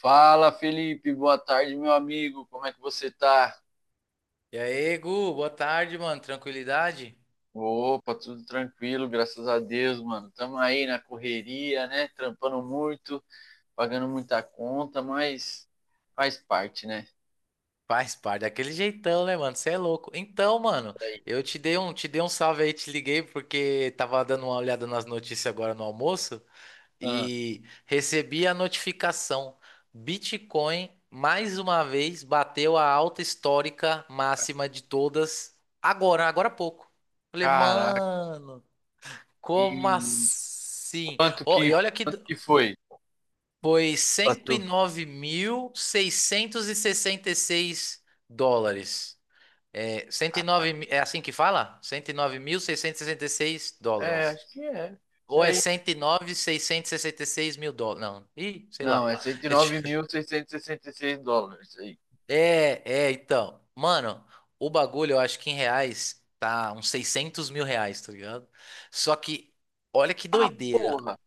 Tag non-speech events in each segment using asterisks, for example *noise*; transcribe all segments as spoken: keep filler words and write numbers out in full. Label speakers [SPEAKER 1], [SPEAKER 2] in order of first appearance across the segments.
[SPEAKER 1] Fala, Felipe, boa tarde, meu amigo. Como é que você tá?
[SPEAKER 2] E aí, Gu, boa tarde, mano. Tranquilidade?
[SPEAKER 1] Opa, tudo tranquilo, graças a Deus, mano. Tamo aí na correria, né? Trampando muito, pagando muita conta, mas faz parte, né?
[SPEAKER 2] Faz parte daquele jeitão, né, mano? Você é louco. Então, mano,
[SPEAKER 1] Aí.
[SPEAKER 2] eu te dei um, te dei um salve aí, te liguei porque tava dando uma olhada nas notícias agora no almoço
[SPEAKER 1] Ah,
[SPEAKER 2] e recebi a notificação. Bitcoin, mais uma vez, bateu a alta histórica máxima de todas agora, agora há pouco. Falei,
[SPEAKER 1] caraca,
[SPEAKER 2] mano, como
[SPEAKER 1] e
[SPEAKER 2] assim?
[SPEAKER 1] quanto
[SPEAKER 2] Ó,
[SPEAKER 1] que,
[SPEAKER 2] e olha que.
[SPEAKER 1] quanto que foi?
[SPEAKER 2] Foi cento e e e
[SPEAKER 1] Passou.
[SPEAKER 2] nove mil seiscentos e sessenta e seis dólares. É, cento e nove, mi- é assim que fala? cento e e e nove mil seiscentos e sessenta e seis
[SPEAKER 1] É,
[SPEAKER 2] dólares.
[SPEAKER 1] acho que é.
[SPEAKER 2] Ou é
[SPEAKER 1] É isso.
[SPEAKER 2] cento e nove mil seiscentos e sessenta e seis mil seiscentos e sessenta e seis mil dólares? Não, ih, sei
[SPEAKER 1] Não,
[SPEAKER 2] lá.
[SPEAKER 1] é cento e e nove mil seiscentos e sessenta e seis dólares aí.
[SPEAKER 2] *laughs* É, é, então. Mano, o bagulho eu acho que em reais tá uns seiscentos mil reais, tá ligado? Só que, olha que
[SPEAKER 1] Ah,
[SPEAKER 2] doideira.
[SPEAKER 1] porra!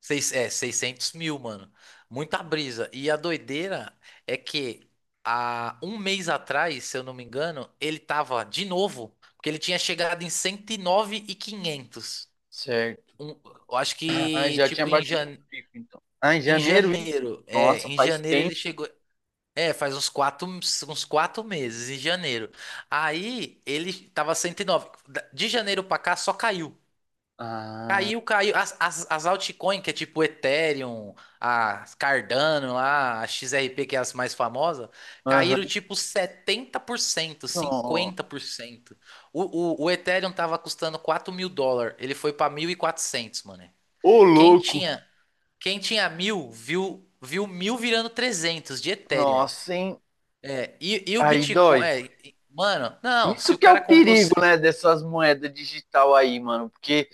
[SPEAKER 2] Seis, é, seiscentos mil, mano. Muita brisa. E a doideira é que há um mês atrás, se eu não me engano, ele tava de novo, porque ele tinha chegado em cento e e nove mil e quinhentos.
[SPEAKER 1] Certo.
[SPEAKER 2] Um, eu acho
[SPEAKER 1] Ah,
[SPEAKER 2] que,
[SPEAKER 1] já tinha
[SPEAKER 2] tipo, em,
[SPEAKER 1] batido o
[SPEAKER 2] jan,
[SPEAKER 1] pico, então. Ah, em
[SPEAKER 2] em
[SPEAKER 1] janeiro isso?
[SPEAKER 2] janeiro. É,
[SPEAKER 1] Nossa,
[SPEAKER 2] em
[SPEAKER 1] faz
[SPEAKER 2] janeiro ele
[SPEAKER 1] tempo.
[SPEAKER 2] chegou. É, faz uns quatro, uns quatro meses, em janeiro. Aí ele tava cento e nove. Da- De janeiro pra cá só caiu.
[SPEAKER 1] Ah,
[SPEAKER 2] Caiu, caiu. As, as, as altcoins, que é tipo Ethereum, a Cardano, lá, a X R P, que é as mais famosas,
[SPEAKER 1] aham.
[SPEAKER 2] caíram tipo setenta por cento,
[SPEAKER 1] Ó.
[SPEAKER 2] cinquenta por cento. O, o, o Ethereum tava custando quatro mil dólares, ele foi pra mil e quatrocentos mano.
[SPEAKER 1] Ô,
[SPEAKER 2] Quem
[SPEAKER 1] louco.
[SPEAKER 2] tinha, quem tinha mil, viu, viu mil virando trezentos de Ethereum.
[SPEAKER 1] Nossa, hein?
[SPEAKER 2] É, e, e o
[SPEAKER 1] Aí
[SPEAKER 2] Bitcoin,
[SPEAKER 1] dói.
[SPEAKER 2] é, e- mano, não, se
[SPEAKER 1] Isso
[SPEAKER 2] o
[SPEAKER 1] que é
[SPEAKER 2] cara
[SPEAKER 1] o
[SPEAKER 2] comprou.
[SPEAKER 1] perigo,
[SPEAKER 2] se-
[SPEAKER 1] né, dessas moedas digital aí, mano. Porque,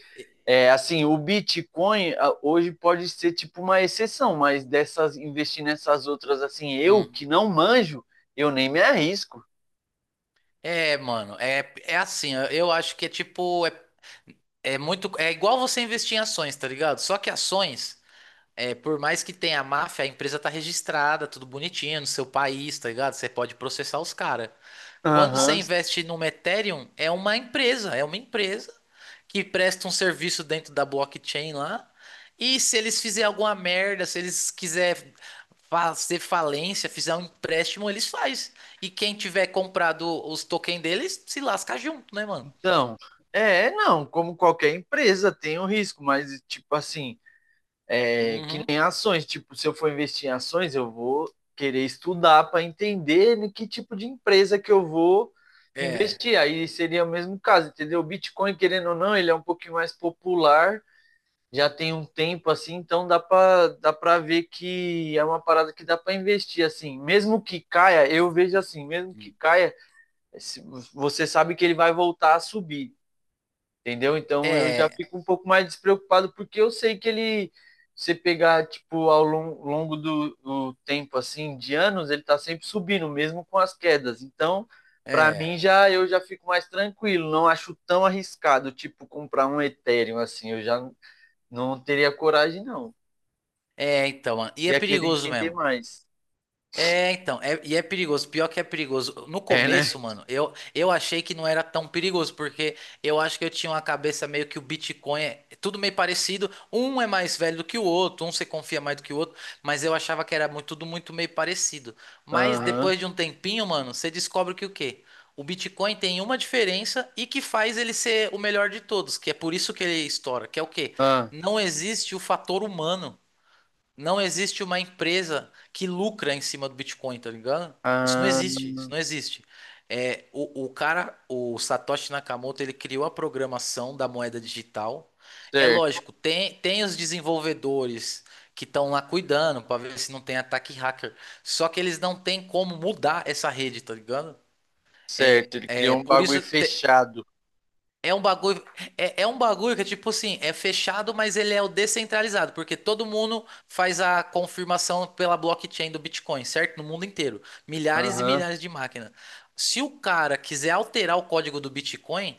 [SPEAKER 1] é, assim, o Bitcoin ah, hoje pode ser tipo uma exceção, mas dessas, investir nessas outras, assim, eu
[SPEAKER 2] Hum.
[SPEAKER 1] que não manjo, eu nem me arrisco.
[SPEAKER 2] É, mano, é, é assim, eu eu acho que é tipo, é. É muito, é igual você investir em ações, tá ligado? Só que ações, é, por mais que tenha máfia, a empresa tá registrada, tudo bonitinho no seu país, tá ligado? Você pode processar os caras. Quando você
[SPEAKER 1] Aham.
[SPEAKER 2] investe numa Ethereum, é uma empresa, é uma empresa que presta um serviço dentro da blockchain lá. E se eles fizerem alguma merda, se eles quiserem fazer falência, fizer um empréstimo, eles faz. E quem tiver comprado os tokens deles, se lasca junto, né, mano?
[SPEAKER 1] Então, é, não, como qualquer empresa tem o risco, mas, tipo assim, é, que
[SPEAKER 2] Uhum.
[SPEAKER 1] nem ações. Tipo, se eu for investir em ações, eu vou querer estudar para entender em que tipo de empresa que eu vou
[SPEAKER 2] É.
[SPEAKER 1] investir. Aí seria o mesmo caso, entendeu? O Bitcoin, querendo ou não, ele é um pouquinho mais popular, já tem um tempo assim, então dá para dá para ver que é uma parada que dá para investir assim. Mesmo que caia, eu vejo assim, mesmo que caia, você sabe que ele vai voltar a subir. Entendeu? Então eu já
[SPEAKER 2] É,
[SPEAKER 1] fico um pouco mais despreocupado, porque eu sei que ele, se pegar, tipo, ao lon- longo do, do tempo, assim, de anos, ele tá sempre subindo, mesmo com as quedas. Então, pra mim,
[SPEAKER 2] é,
[SPEAKER 1] já eu já fico mais tranquilo, não acho tão arriscado, tipo, comprar um Ethereum, assim, eu já não teria coragem, não.
[SPEAKER 2] é, então, mano. E é
[SPEAKER 1] Ia querer
[SPEAKER 2] perigoso
[SPEAKER 1] entender
[SPEAKER 2] mesmo.
[SPEAKER 1] mais.
[SPEAKER 2] É, então, é- e é perigoso, pior que é perigoso. No
[SPEAKER 1] É, né?
[SPEAKER 2] começo, mano, eu, eu achei que não era tão perigoso, porque eu acho que eu tinha uma cabeça meio que o Bitcoin é tudo meio parecido, um é mais velho do que o outro, um você confia mais do que o outro, mas eu achava que era muito, tudo muito meio parecido. Mas
[SPEAKER 1] Aham.
[SPEAKER 2] depois de um tempinho, mano, você descobre que o quê? O Bitcoin tem uma diferença e que faz ele ser o melhor de todos, que é por isso que ele estoura, que é o quê?
[SPEAKER 1] Ah,
[SPEAKER 2] Não existe o fator humano. Não existe uma empresa que lucra em cima do Bitcoin, tá ligado? Isso não
[SPEAKER 1] ah,
[SPEAKER 2] existe, isso não existe. É, o, o cara, o Satoshi Nakamoto, ele criou a programação da moeda digital. É
[SPEAKER 1] certo,
[SPEAKER 2] lógico, tem, tem os desenvolvedores que estão lá cuidando para ver se não tem ataque hacker. Só que eles não têm como mudar essa rede, tá ligado?
[SPEAKER 1] certo. Ele
[SPEAKER 2] É
[SPEAKER 1] criou um
[SPEAKER 2] por
[SPEAKER 1] bagulho
[SPEAKER 2] isso.
[SPEAKER 1] fechado.
[SPEAKER 2] É um bagulho, é, é um bagulho que é tipo assim, é fechado, mas ele é o descentralizado, porque todo mundo faz a confirmação pela blockchain do Bitcoin, certo? No mundo inteiro. Milhares e
[SPEAKER 1] Aham,
[SPEAKER 2] milhares de máquinas. Se o cara quiser alterar o código do Bitcoin,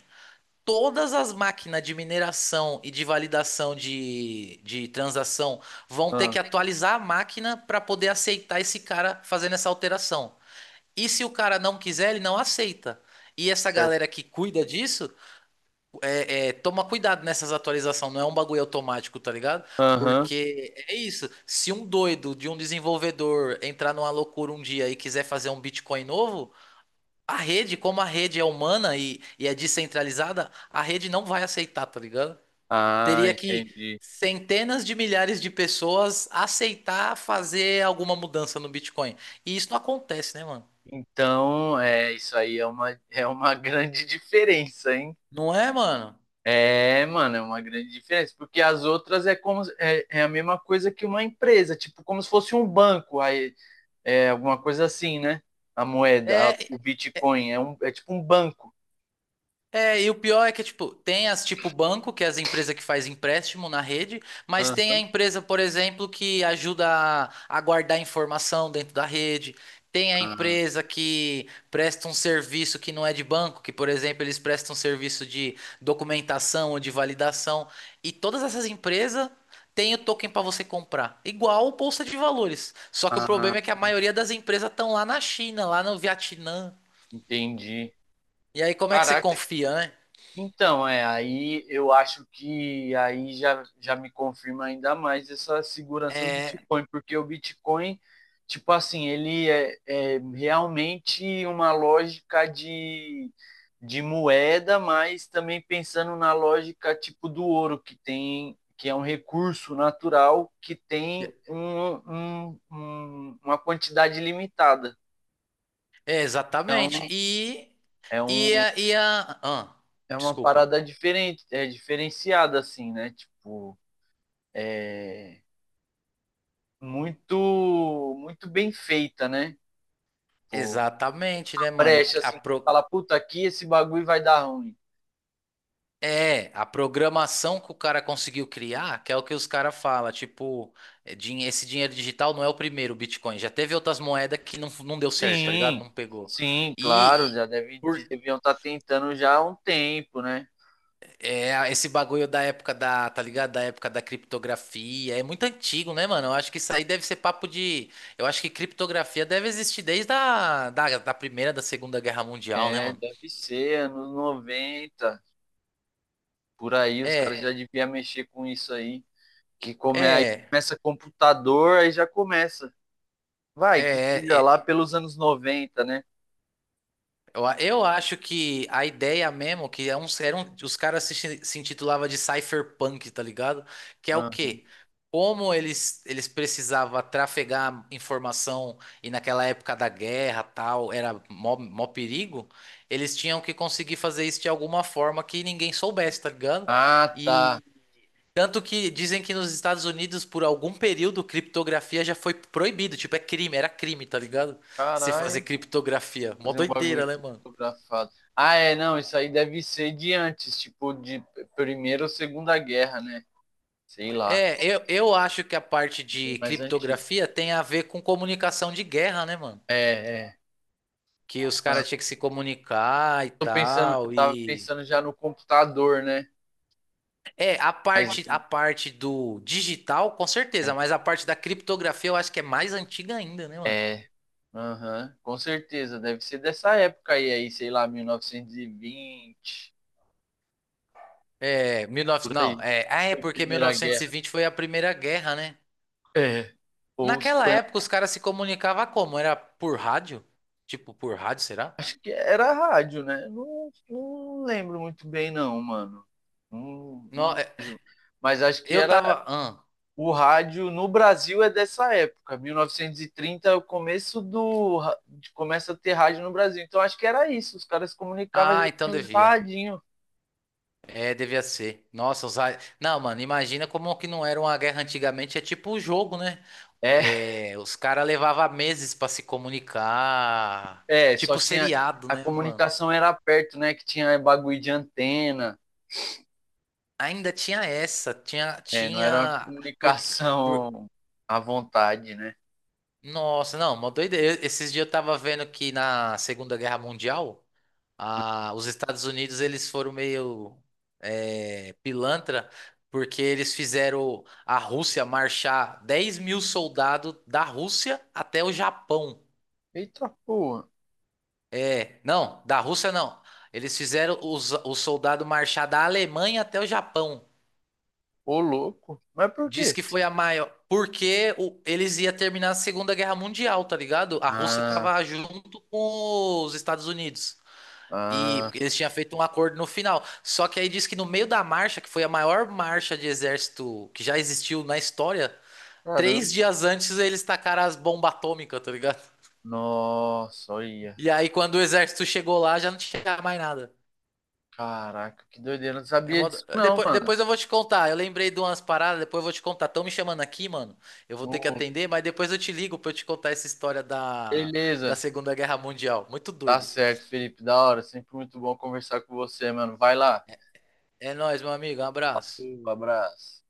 [SPEAKER 2] todas as máquinas de mineração e de validação de, de transação vão ter
[SPEAKER 1] ah,
[SPEAKER 2] que atualizar a máquina para poder aceitar esse cara fazendo essa alteração. E se o cara não quiser, ele não aceita. E essa galera
[SPEAKER 1] certo.
[SPEAKER 2] que cuida disso. É, é, toma cuidado nessas atualizações, não é um bagulho automático, tá ligado?
[SPEAKER 1] Aham.
[SPEAKER 2] Porque é isso. Se um doido de um desenvolvedor entrar numa loucura um dia e quiser fazer um Bitcoin novo, a rede, como a rede é humana e, e é descentralizada, a rede não vai aceitar, tá ligado?
[SPEAKER 1] Ah,
[SPEAKER 2] Teria que
[SPEAKER 1] entendi.
[SPEAKER 2] centenas de milhares de pessoas aceitar fazer alguma mudança no Bitcoin. E isso não acontece, né, mano?
[SPEAKER 1] Então, é, isso aí é uma, é uma *laughs* grande diferença, hein?
[SPEAKER 2] Não é, mano?
[SPEAKER 1] É, mano, é uma grande diferença, porque as outras é como se- é, é a mesma coisa que uma empresa, tipo como se fosse um banco, aí é alguma coisa assim, né? A moeda, a-
[SPEAKER 2] É,
[SPEAKER 1] o Bitcoin é um, é tipo um banco.
[SPEAKER 2] É, e o pior é que, tipo, tem as tipo banco, que é as empresas que faz empréstimo na rede, mas tem a
[SPEAKER 1] Aham.
[SPEAKER 2] empresa, por exemplo, que ajuda a, a guardar informação dentro da rede. Tem a
[SPEAKER 1] Ah,
[SPEAKER 2] empresa que presta um serviço que não é de banco, que, por exemplo, eles prestam serviço de documentação ou de validação. E todas essas empresas têm o token para você comprar, igual o Bolsa de Valores. Só que o
[SPEAKER 1] ah,
[SPEAKER 2] problema é que a maioria das empresas estão lá na China, lá no Vietnã.
[SPEAKER 1] entendi.
[SPEAKER 2] E aí, como é que você
[SPEAKER 1] Caraca,
[SPEAKER 2] confia, né?
[SPEAKER 1] então, é, aí eu acho que aí já, já me confirma ainda mais essa segurança do
[SPEAKER 2] É.
[SPEAKER 1] Bitcoin, porque o Bitcoin, tipo assim, ele é, é realmente uma lógica de, de moeda, mas também pensando na lógica tipo do ouro, que tem, que é um recurso natural que tem um, um- um- uma quantidade limitada.
[SPEAKER 2] É, exatamente. E,
[SPEAKER 1] É, um,
[SPEAKER 2] e, a, e a. Ah,
[SPEAKER 1] é uma
[SPEAKER 2] desculpa.
[SPEAKER 1] parada diferente, é diferenciada, assim, né? Tipo. É, muito muito bem feita, né? Tipo,
[SPEAKER 2] Exatamente, né, mano?
[SPEAKER 1] brecha,
[SPEAKER 2] A
[SPEAKER 1] assim, você
[SPEAKER 2] pro...
[SPEAKER 1] fala, puta, aqui esse bagulho vai dar ruim.
[SPEAKER 2] É, a programação que o cara conseguiu criar, que é o que os caras falam, tipo, é, din- esse dinheiro digital não é o primeiro Bitcoin. Já teve outras moedas que não, não deu certo, tá ligado?
[SPEAKER 1] Sim,
[SPEAKER 2] Não pegou.
[SPEAKER 1] sim, claro,
[SPEAKER 2] E.
[SPEAKER 1] já deve, deviam estar tentando já há um tempo, né?
[SPEAKER 2] É, esse bagulho da época da, tá ligado? Da época da criptografia. É muito antigo, né, mano? Eu acho que isso aí deve ser papo de. Eu acho que criptografia deve existir desde a da, da Primeira, da Segunda Guerra Mundial, né,
[SPEAKER 1] É,
[SPEAKER 2] mano?
[SPEAKER 1] deve ser, anos noventa, por aí, os caras
[SPEAKER 2] É,
[SPEAKER 1] já deviam mexer com isso aí. Que come, aí
[SPEAKER 2] é,
[SPEAKER 1] começa computador, aí já começa. Vai, que
[SPEAKER 2] é.
[SPEAKER 1] seja
[SPEAKER 2] é.
[SPEAKER 1] lá pelos anos noventa, né?
[SPEAKER 2] Eu, a- eu acho que a ideia mesmo, que é um, eram, os caras se, chi- se intitulava de cypherpunk, tá ligado? Que é o quê? Como eles, eles precisavam trafegar informação e naquela época da guerra tal, era mó, mó perigo, eles tinham que conseguir fazer isso de alguma forma que ninguém soubesse, tá ligado?
[SPEAKER 1] Ah, tá.
[SPEAKER 2] E tanto que dizem que nos Estados Unidos, por algum período, criptografia já foi proibido, tipo, é crime, era crime, tá ligado? Você fazer
[SPEAKER 1] Caralho.
[SPEAKER 2] criptografia. Mó
[SPEAKER 1] Fazer um
[SPEAKER 2] doideira,
[SPEAKER 1] bagulho
[SPEAKER 2] né, mano?
[SPEAKER 1] fotografado. Ah, é, não, isso aí deve ser de antes, tipo, de Primeira ou Segunda Guerra, né? Sei lá.
[SPEAKER 2] É, eu, eu acho que a parte
[SPEAKER 1] É
[SPEAKER 2] de
[SPEAKER 1] mais antigo.
[SPEAKER 2] criptografia tem a ver com comunicação de guerra, né, mano?
[SPEAKER 1] É, é.
[SPEAKER 2] Que os caras tinham que se comunicar e
[SPEAKER 1] Tô pensando, eu
[SPEAKER 2] tal,
[SPEAKER 1] tava
[SPEAKER 2] e...
[SPEAKER 1] pensando já no computador, né?
[SPEAKER 2] É, a
[SPEAKER 1] Mas
[SPEAKER 2] parte, a parte do digital, com certeza, mas a parte da criptografia eu acho que é mais antiga ainda, né, mano?
[SPEAKER 1] é. Aham, com certeza, deve ser dessa época aí, aí, sei lá, mil novecentos e vinte
[SPEAKER 2] É, mil e
[SPEAKER 1] por
[SPEAKER 2] novecentos Não,
[SPEAKER 1] aí,
[SPEAKER 2] é, ah, é porque mil
[SPEAKER 1] Primeira
[SPEAKER 2] novecentos e
[SPEAKER 1] Guerra.
[SPEAKER 2] vinte foi a Primeira Guerra, né?
[SPEAKER 1] É. Ou se
[SPEAKER 2] Naquela
[SPEAKER 1] foi,
[SPEAKER 2] época
[SPEAKER 1] na-
[SPEAKER 2] os caras se comunicavam como? Era por rádio? Tipo, por rádio, será?
[SPEAKER 1] acho que era rádio, né? Não, não lembro muito bem, não, mano. Não-
[SPEAKER 2] Não,
[SPEAKER 1] não-
[SPEAKER 2] é,
[SPEAKER 1] mas acho que
[SPEAKER 2] eu
[SPEAKER 1] era
[SPEAKER 2] tava... Ah,
[SPEAKER 1] o rádio no Brasil é dessa época, mil novecentos e trinta é o começo do começa a ter rádio no Brasil. Então acho que era isso, os caras se comunicavam
[SPEAKER 2] ah,
[SPEAKER 1] já
[SPEAKER 2] então
[SPEAKER 1] tinha os
[SPEAKER 2] devia.
[SPEAKER 1] radinho.
[SPEAKER 2] É, devia ser. Nossa, os... ra- Não, mano, imagina como que não era uma guerra antigamente. É tipo o jogo, né?
[SPEAKER 1] É,
[SPEAKER 2] É, os caras levavam meses pra se comunicar.
[SPEAKER 1] é, só
[SPEAKER 2] Tipo
[SPEAKER 1] tinha
[SPEAKER 2] seriado,
[SPEAKER 1] a
[SPEAKER 2] né, mano?
[SPEAKER 1] comunicação era perto, né, que tinha bagulho de antena,
[SPEAKER 2] Ainda tinha essa. Tinha.
[SPEAKER 1] é, não era uma
[SPEAKER 2] Tinha. Por... por-
[SPEAKER 1] comunicação à vontade, né?
[SPEAKER 2] Nossa, não, uma doideira. Esses dias eu tava vendo que na Segunda Guerra Mundial. Ah, os Estados Unidos eles foram meio é, pilantra porque eles fizeram a Rússia marchar dez mil soldados da Rússia até o Japão.
[SPEAKER 1] Eita porra,
[SPEAKER 2] É, não, da Rússia não. Eles fizeram os, os soldados marchar da Alemanha até o Japão.
[SPEAKER 1] ô louco. Mas por
[SPEAKER 2] Diz
[SPEAKER 1] quê?
[SPEAKER 2] que foi a maior. Porque o- eles iam terminar a Segunda Guerra Mundial, tá ligado? A Rússia
[SPEAKER 1] Ah,
[SPEAKER 2] tava junto com os Estados Unidos. E
[SPEAKER 1] ah,
[SPEAKER 2] porque eles tinham feito um acordo no final. Só que aí diz que no meio da marcha, que foi a maior marcha de exército que já existiu na história,
[SPEAKER 1] caramba.
[SPEAKER 2] três dias antes eles tacaram as bombas atômicas, tá ligado?
[SPEAKER 1] Nossa, olha.
[SPEAKER 2] E aí quando o exército chegou lá, já não tinha mais nada.
[SPEAKER 1] Caraca, que doideira, não
[SPEAKER 2] É
[SPEAKER 1] sabia
[SPEAKER 2] mó do-
[SPEAKER 1] disso não,
[SPEAKER 2] depois,
[SPEAKER 1] mano.
[SPEAKER 2] depois eu vou te contar. Eu lembrei de umas paradas, depois eu vou te contar. Estão me chamando aqui, mano. Eu vou ter que
[SPEAKER 1] O
[SPEAKER 2] atender, mas depois eu te ligo pra eu te contar essa história da, da
[SPEAKER 1] beleza.
[SPEAKER 2] Segunda Guerra Mundial. Muito
[SPEAKER 1] Tá
[SPEAKER 2] doido.
[SPEAKER 1] certo, Felipe. Da hora. Sempre muito bom conversar com você, mano. Vai lá.
[SPEAKER 2] É nóis, meu amigo. Um abraço.
[SPEAKER 1] Um abraço.